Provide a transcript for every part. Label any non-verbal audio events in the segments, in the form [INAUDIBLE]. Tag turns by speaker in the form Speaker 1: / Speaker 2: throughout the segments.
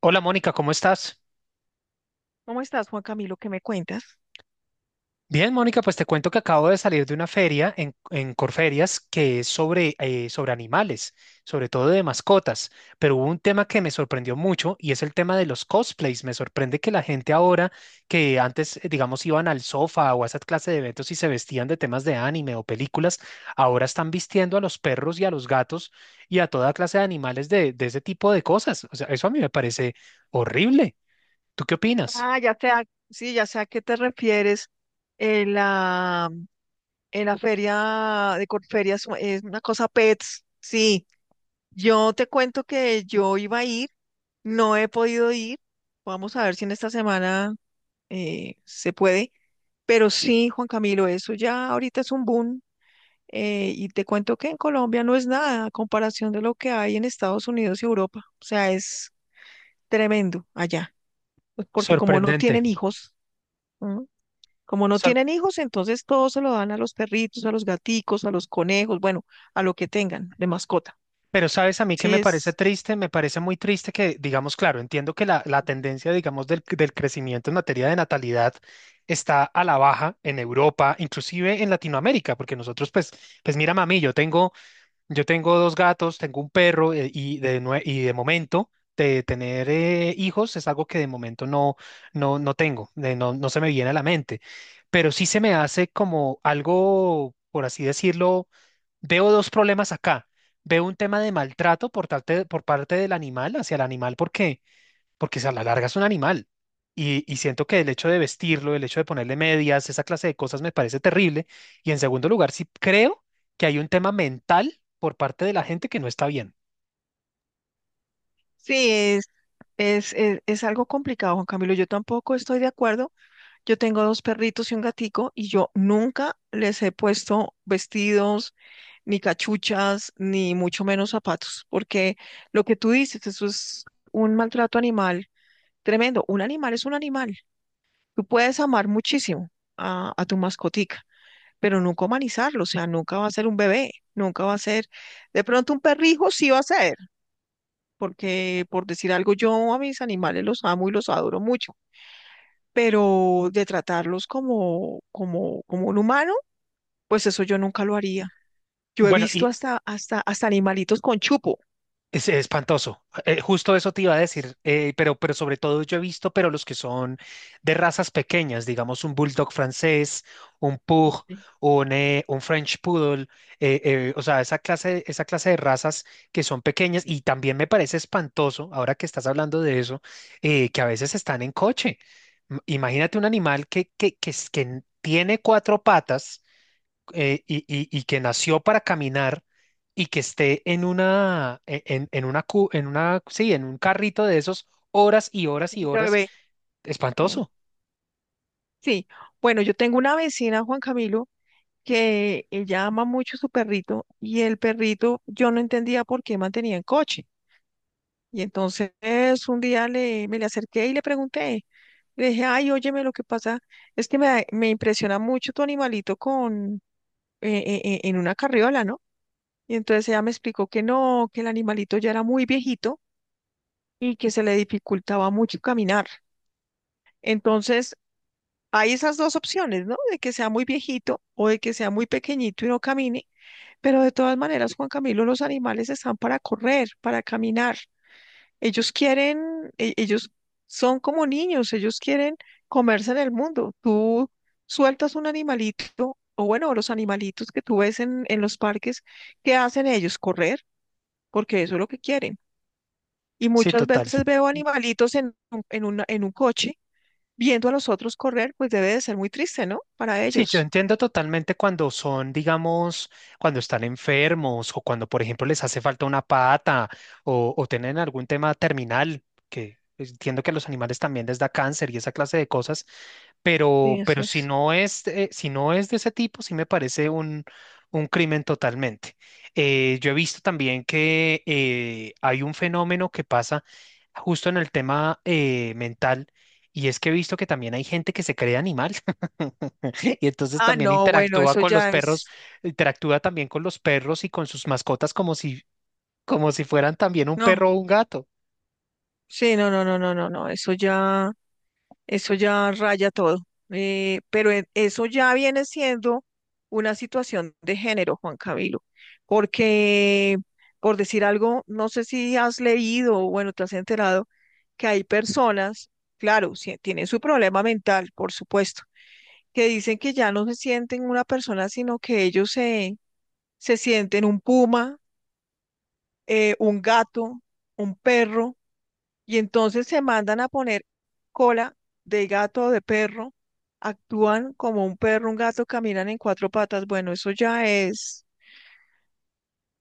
Speaker 1: Hola Mónica, ¿cómo estás?
Speaker 2: ¿Cómo estás, Juan Camilo? ¿Qué me cuentas?
Speaker 1: Bien, Mónica, pues te cuento que acabo de salir de una feria en Corferias, que es sobre, sobre animales, sobre todo de mascotas, pero hubo un tema que me sorprendió mucho y es el tema de los cosplays. Me sorprende que la gente ahora que antes, digamos, iban al sofá o a esa clase de eventos y se vestían de temas de anime o películas, ahora están vistiendo a los perros y a los gatos y a toda clase de animales de ese tipo de cosas. O sea, eso a mí me parece horrible. ¿Tú qué opinas?
Speaker 2: Ah, ya sé, sí, ya sé a qué te refieres. En la, en la feria de Corferias es una cosa pets. Sí, yo te cuento que yo iba a ir, no he podido ir. Vamos a ver si en esta semana se puede. Pero sí, Juan Camilo, eso ya ahorita es un boom. Y te cuento que en Colombia no es nada a comparación de lo que hay en Estados Unidos y Europa. O sea, es tremendo allá. Pues porque como no
Speaker 1: Sorprendente.
Speaker 2: tienen hijos. ¿Mm? Como no tienen hijos, entonces todo se lo dan a los perritos, a los gaticos, a los conejos, bueno, a lo que tengan de mascota.
Speaker 1: Pero sabes, a mí que
Speaker 2: Sí,
Speaker 1: me parece triste, me parece muy triste que, digamos, claro, entiendo que la tendencia, digamos, del crecimiento en materia de natalidad está a la baja en Europa, inclusive en Latinoamérica, porque nosotros, pues, pues mira, mami, yo tengo dos gatos, tengo un perro, y de, y de momento de tener hijos es algo que de momento no, no tengo, de no se me viene a la mente, pero sí se me hace como algo, por así decirlo, veo dos problemas acá. Veo un tema de maltrato por parte del animal, hacia el animal, porque si a la larga es un animal. Y siento que el hecho de vestirlo, el hecho de ponerle medias, esa clase de cosas me parece terrible. Y en segundo lugar, sí creo que hay un tema mental por parte de la gente que no está bien.
Speaker 2: sí, es, es algo complicado, Juan Camilo. Yo tampoco estoy de acuerdo. Yo tengo dos perritos y un gatico y yo nunca les he puesto vestidos, ni cachuchas, ni mucho menos zapatos, porque lo que tú dices, eso es un maltrato animal tremendo. Un animal es un animal. Tú puedes amar muchísimo a tu mascotica, pero nunca humanizarlo. O sea, nunca va a ser un bebé, nunca va a ser, de pronto un perrijo sí va a ser, porque por decir algo, yo a mis animales los amo y los adoro mucho, pero de tratarlos como un humano, pues eso yo nunca lo haría. Yo he
Speaker 1: Bueno,
Speaker 2: visto
Speaker 1: y,
Speaker 2: hasta animalitos con chupo,
Speaker 1: Es espantoso. Justo eso te iba a decir, pero sobre todo yo he visto, pero los que son de razas pequeñas, digamos un bulldog francés, un pug,
Speaker 2: sí,
Speaker 1: un French poodle, o sea, esa clase de razas que son pequeñas, y también me parece espantoso, ahora que estás hablando de eso, que a veces están en coche. Imagínate un animal que tiene cuatro patas, y que nació para caminar y que esté en una, en una, en una, sí, en un carrito de esos horas y horas y
Speaker 2: de
Speaker 1: horas,
Speaker 2: bebé. ¿Sí?
Speaker 1: espantoso.
Speaker 2: Sí, bueno, yo tengo una vecina, Juan Camilo, que ella ama mucho su perrito y el perrito, yo no entendía por qué mantenía en coche. Y entonces un día me le acerqué y le pregunté, le dije, ay, óyeme, lo que pasa es que me impresiona mucho tu animalito con, en una carriola, ¿no? Y entonces ella me explicó que no, que el animalito ya era muy viejito y que se le dificultaba mucho caminar. Entonces, hay esas dos opciones, ¿no? De que sea muy viejito o de que sea muy pequeñito y no camine. Pero de todas maneras, Juan Camilo, los animales están para correr, para caminar. Ellos quieren, ellos son como niños, ellos quieren comerse en el mundo. Tú sueltas un animalito, o bueno, los animalitos que tú ves en los parques, ¿qué hacen ellos? Correr, porque eso es lo que quieren. Y
Speaker 1: Sí,
Speaker 2: muchas
Speaker 1: total.
Speaker 2: veces veo animalitos en un coche viendo a los otros correr. Pues debe de ser muy triste, ¿no? Para
Speaker 1: Sí, yo
Speaker 2: ellos.
Speaker 1: entiendo totalmente cuando son, digamos, cuando están enfermos o cuando, por ejemplo, les hace falta una pata o tienen algún tema terminal, que entiendo que a los animales también les da cáncer y esa clase de cosas,
Speaker 2: Sí,
Speaker 1: pero
Speaker 2: así
Speaker 1: si
Speaker 2: es.
Speaker 1: no es, si no es de ese tipo, sí me parece un crimen totalmente. Yo he visto también que hay un fenómeno que pasa justo en el tema mental, y es que he visto que también hay gente que se cree animal. [LAUGHS] [LAUGHS] Y entonces
Speaker 2: Ah,
Speaker 1: también
Speaker 2: no, bueno,
Speaker 1: interactúa
Speaker 2: eso
Speaker 1: con los
Speaker 2: ya
Speaker 1: perros,
Speaker 2: es,
Speaker 1: interactúa también con los perros y con sus mascotas como si fueran también un
Speaker 2: no,
Speaker 1: perro o un gato.
Speaker 2: sí, no, no, no, no, no, no, eso ya raya todo. Pero eso ya viene siendo una situación de género, Juan Camilo, porque, por decir algo, no sé si has leído o bueno, te has enterado que hay personas, claro, sí, tienen su problema mental, por supuesto, que dicen que ya no se sienten una persona, sino que se sienten un puma, un gato, un perro. Y entonces se mandan a poner cola de gato o de perro, actúan como un perro, un gato, caminan en cuatro patas. Bueno, eso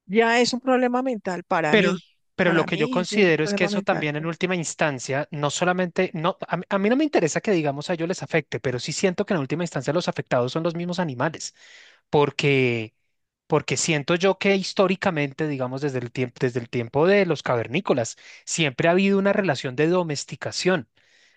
Speaker 2: ya es un problema mental para
Speaker 1: Pero,
Speaker 2: mí.
Speaker 1: pero lo
Speaker 2: Para
Speaker 1: que yo
Speaker 2: mí eso es un
Speaker 1: considero es que
Speaker 2: problema
Speaker 1: eso
Speaker 2: mental.
Speaker 1: también en última instancia, no solamente, no, a mí no me interesa que digamos a ellos les afecte, pero sí siento que en última instancia los afectados son los mismos animales, porque, porque siento yo que históricamente, digamos desde el tiempo de los cavernícolas, siempre ha habido una relación de domesticación.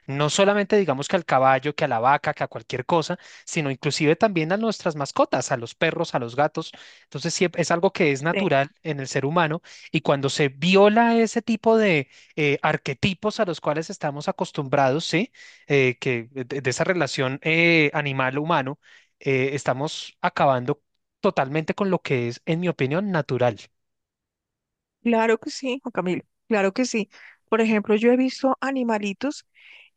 Speaker 1: No solamente digamos que al caballo, que a la vaca, que a cualquier cosa, sino inclusive también a nuestras mascotas, a los perros, a los gatos. Entonces sí, es algo que es
Speaker 2: Sí.
Speaker 1: natural en el ser humano, y cuando se viola ese tipo de arquetipos a los cuales estamos acostumbrados, sí, que de esa relación animal-humano, estamos acabando totalmente con lo que es, en mi opinión, natural.
Speaker 2: Claro que sí, Juan Camilo, claro que sí. Por ejemplo, yo he visto animalitos,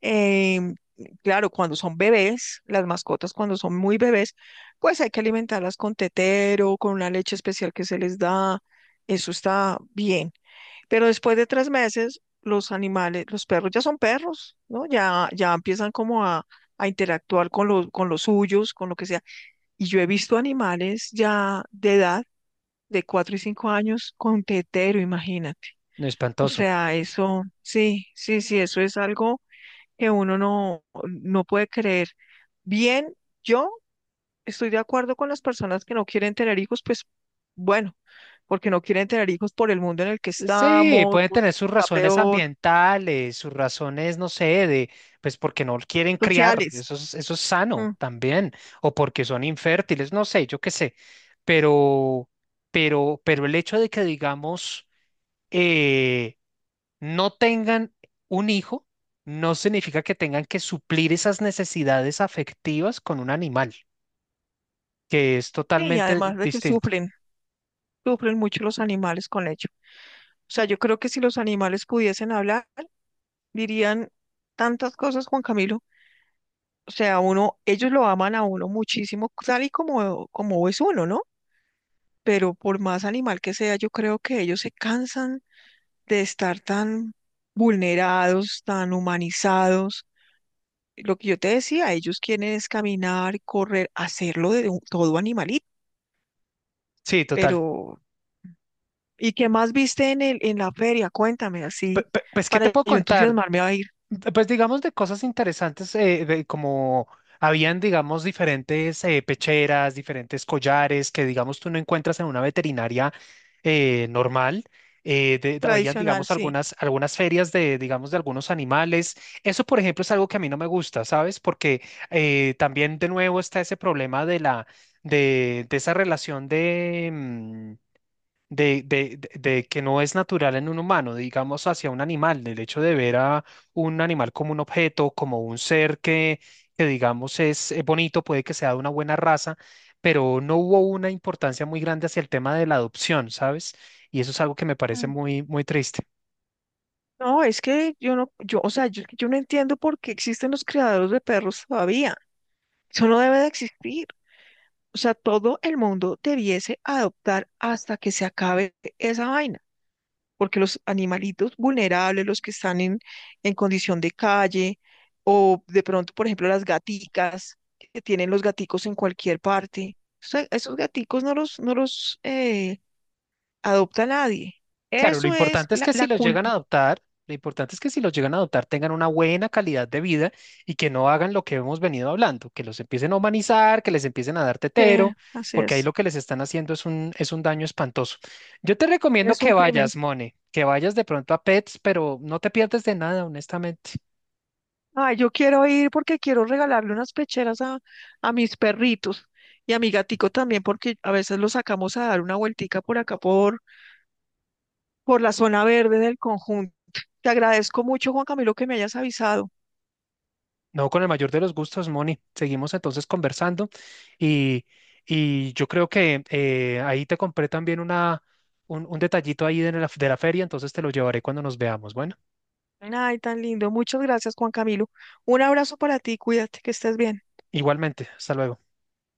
Speaker 2: em, claro, cuando son bebés, las mascotas cuando son muy bebés, pues hay que alimentarlas con tetero, con una leche especial que se les da. Eso está bien. Pero después de tres meses, los animales, los perros ya son perros, ¿no? Ya empiezan como a interactuar con los suyos, con lo que sea. Y yo he visto animales ya de edad, de cuatro y cinco años, con tetero, imagínate.
Speaker 1: No,
Speaker 2: O
Speaker 1: espantoso.
Speaker 2: sea, eso, sí, sí, sí, eso es algo que uno no, no puede creer. Bien, yo estoy de acuerdo con las personas que no quieren tener hijos, pues bueno, porque no quieren tener hijos por el mundo en el que
Speaker 1: Sí, sí,
Speaker 2: estamos,
Speaker 1: pueden tener
Speaker 2: porque
Speaker 1: sus
Speaker 2: está
Speaker 1: razones
Speaker 2: peor
Speaker 1: ambientales, sus razones, no sé, de, pues porque no quieren criar,
Speaker 2: sociales.
Speaker 1: eso es sano
Speaker 2: Mm.
Speaker 1: también, o porque son infértiles, no sé, yo qué sé, pero, pero el hecho de que, digamos, eh, no tengan un hijo, no significa que tengan que suplir esas necesidades afectivas con un animal, que es
Speaker 2: Sí, y
Speaker 1: totalmente
Speaker 2: además de que
Speaker 1: distinto.
Speaker 2: sufren, sufren mucho los animales con ello. O sea, yo creo que si los animales pudiesen hablar, dirían tantas cosas, Juan Camilo. O sea, uno, ellos lo aman a uno muchísimo, tal y como es uno, ¿no? Pero por más animal que sea, yo creo que ellos se cansan de estar tan vulnerados, tan humanizados. Lo que yo te decía, ellos quieren es caminar, correr, hacerlo todo animalito,
Speaker 1: Sí, total.
Speaker 2: pero ¿y qué más viste en la feria? Cuéntame así,
Speaker 1: Pues, ¿qué
Speaker 2: para
Speaker 1: te puedo
Speaker 2: yo
Speaker 1: contar?
Speaker 2: entusiasmarme a ir.
Speaker 1: Pues digamos de cosas interesantes, de como habían, digamos, diferentes pecheras, diferentes collares que, digamos, tú no encuentras en una veterinaria normal. Habían,
Speaker 2: Tradicional,
Speaker 1: digamos,
Speaker 2: sí.
Speaker 1: algunas, algunas ferias de, digamos, de algunos animales. Eso, por ejemplo, es algo que a mí no me gusta, ¿sabes? Porque también, de nuevo, está ese problema de la, de esa relación de, de que no es natural en un humano, digamos hacia un animal, del hecho de ver a un animal como un objeto, como un ser que digamos es bonito, puede que sea de una buena raza, pero no hubo una importancia muy grande hacia el tema de la adopción, ¿sabes? Y eso es algo que me parece
Speaker 2: Mm.
Speaker 1: muy, muy triste.
Speaker 2: No, es que yo no, yo, o sea, yo no entiendo por qué existen los criadores de perros todavía. Eso no debe de existir. O sea, todo el mundo debiese adoptar hasta que se acabe esa vaina. Porque los animalitos vulnerables, los que están en condición de calle, o de pronto, por ejemplo, las gaticas, que tienen los gaticos en cualquier parte, o sea, esos gaticos no los adopta nadie.
Speaker 1: Claro, lo
Speaker 2: Eso es
Speaker 1: importante es que si
Speaker 2: la
Speaker 1: los llegan a adoptar, lo importante es que si los llegan a adoptar tengan una buena calidad de vida y que no hagan lo que hemos venido hablando, que los empiecen a humanizar, que les empiecen a dar tetero,
Speaker 2: así
Speaker 1: porque ahí lo que les están haciendo es un daño espantoso. Yo te recomiendo
Speaker 2: es
Speaker 1: que
Speaker 2: un crimen.
Speaker 1: vayas, Mone, que vayas de pronto a Pets, pero no te pierdes de nada, honestamente.
Speaker 2: Ay, yo quiero ir porque quiero regalarle unas pecheras a mis perritos y a mi gatico también, porque a veces los sacamos a dar una vueltica por acá, por la zona verde del conjunto. Te agradezco mucho, Juan Camilo, que me hayas avisado.
Speaker 1: No, con el mayor de los gustos, Moni. Seguimos entonces conversando y, y yo creo que ahí te compré también una, un detallito ahí de la feria, entonces te lo llevaré cuando nos veamos. Bueno,
Speaker 2: Ay, tan lindo. Muchas gracias, Juan Camilo. Un abrazo para ti, cuídate, que estés bien.
Speaker 1: igualmente, hasta luego.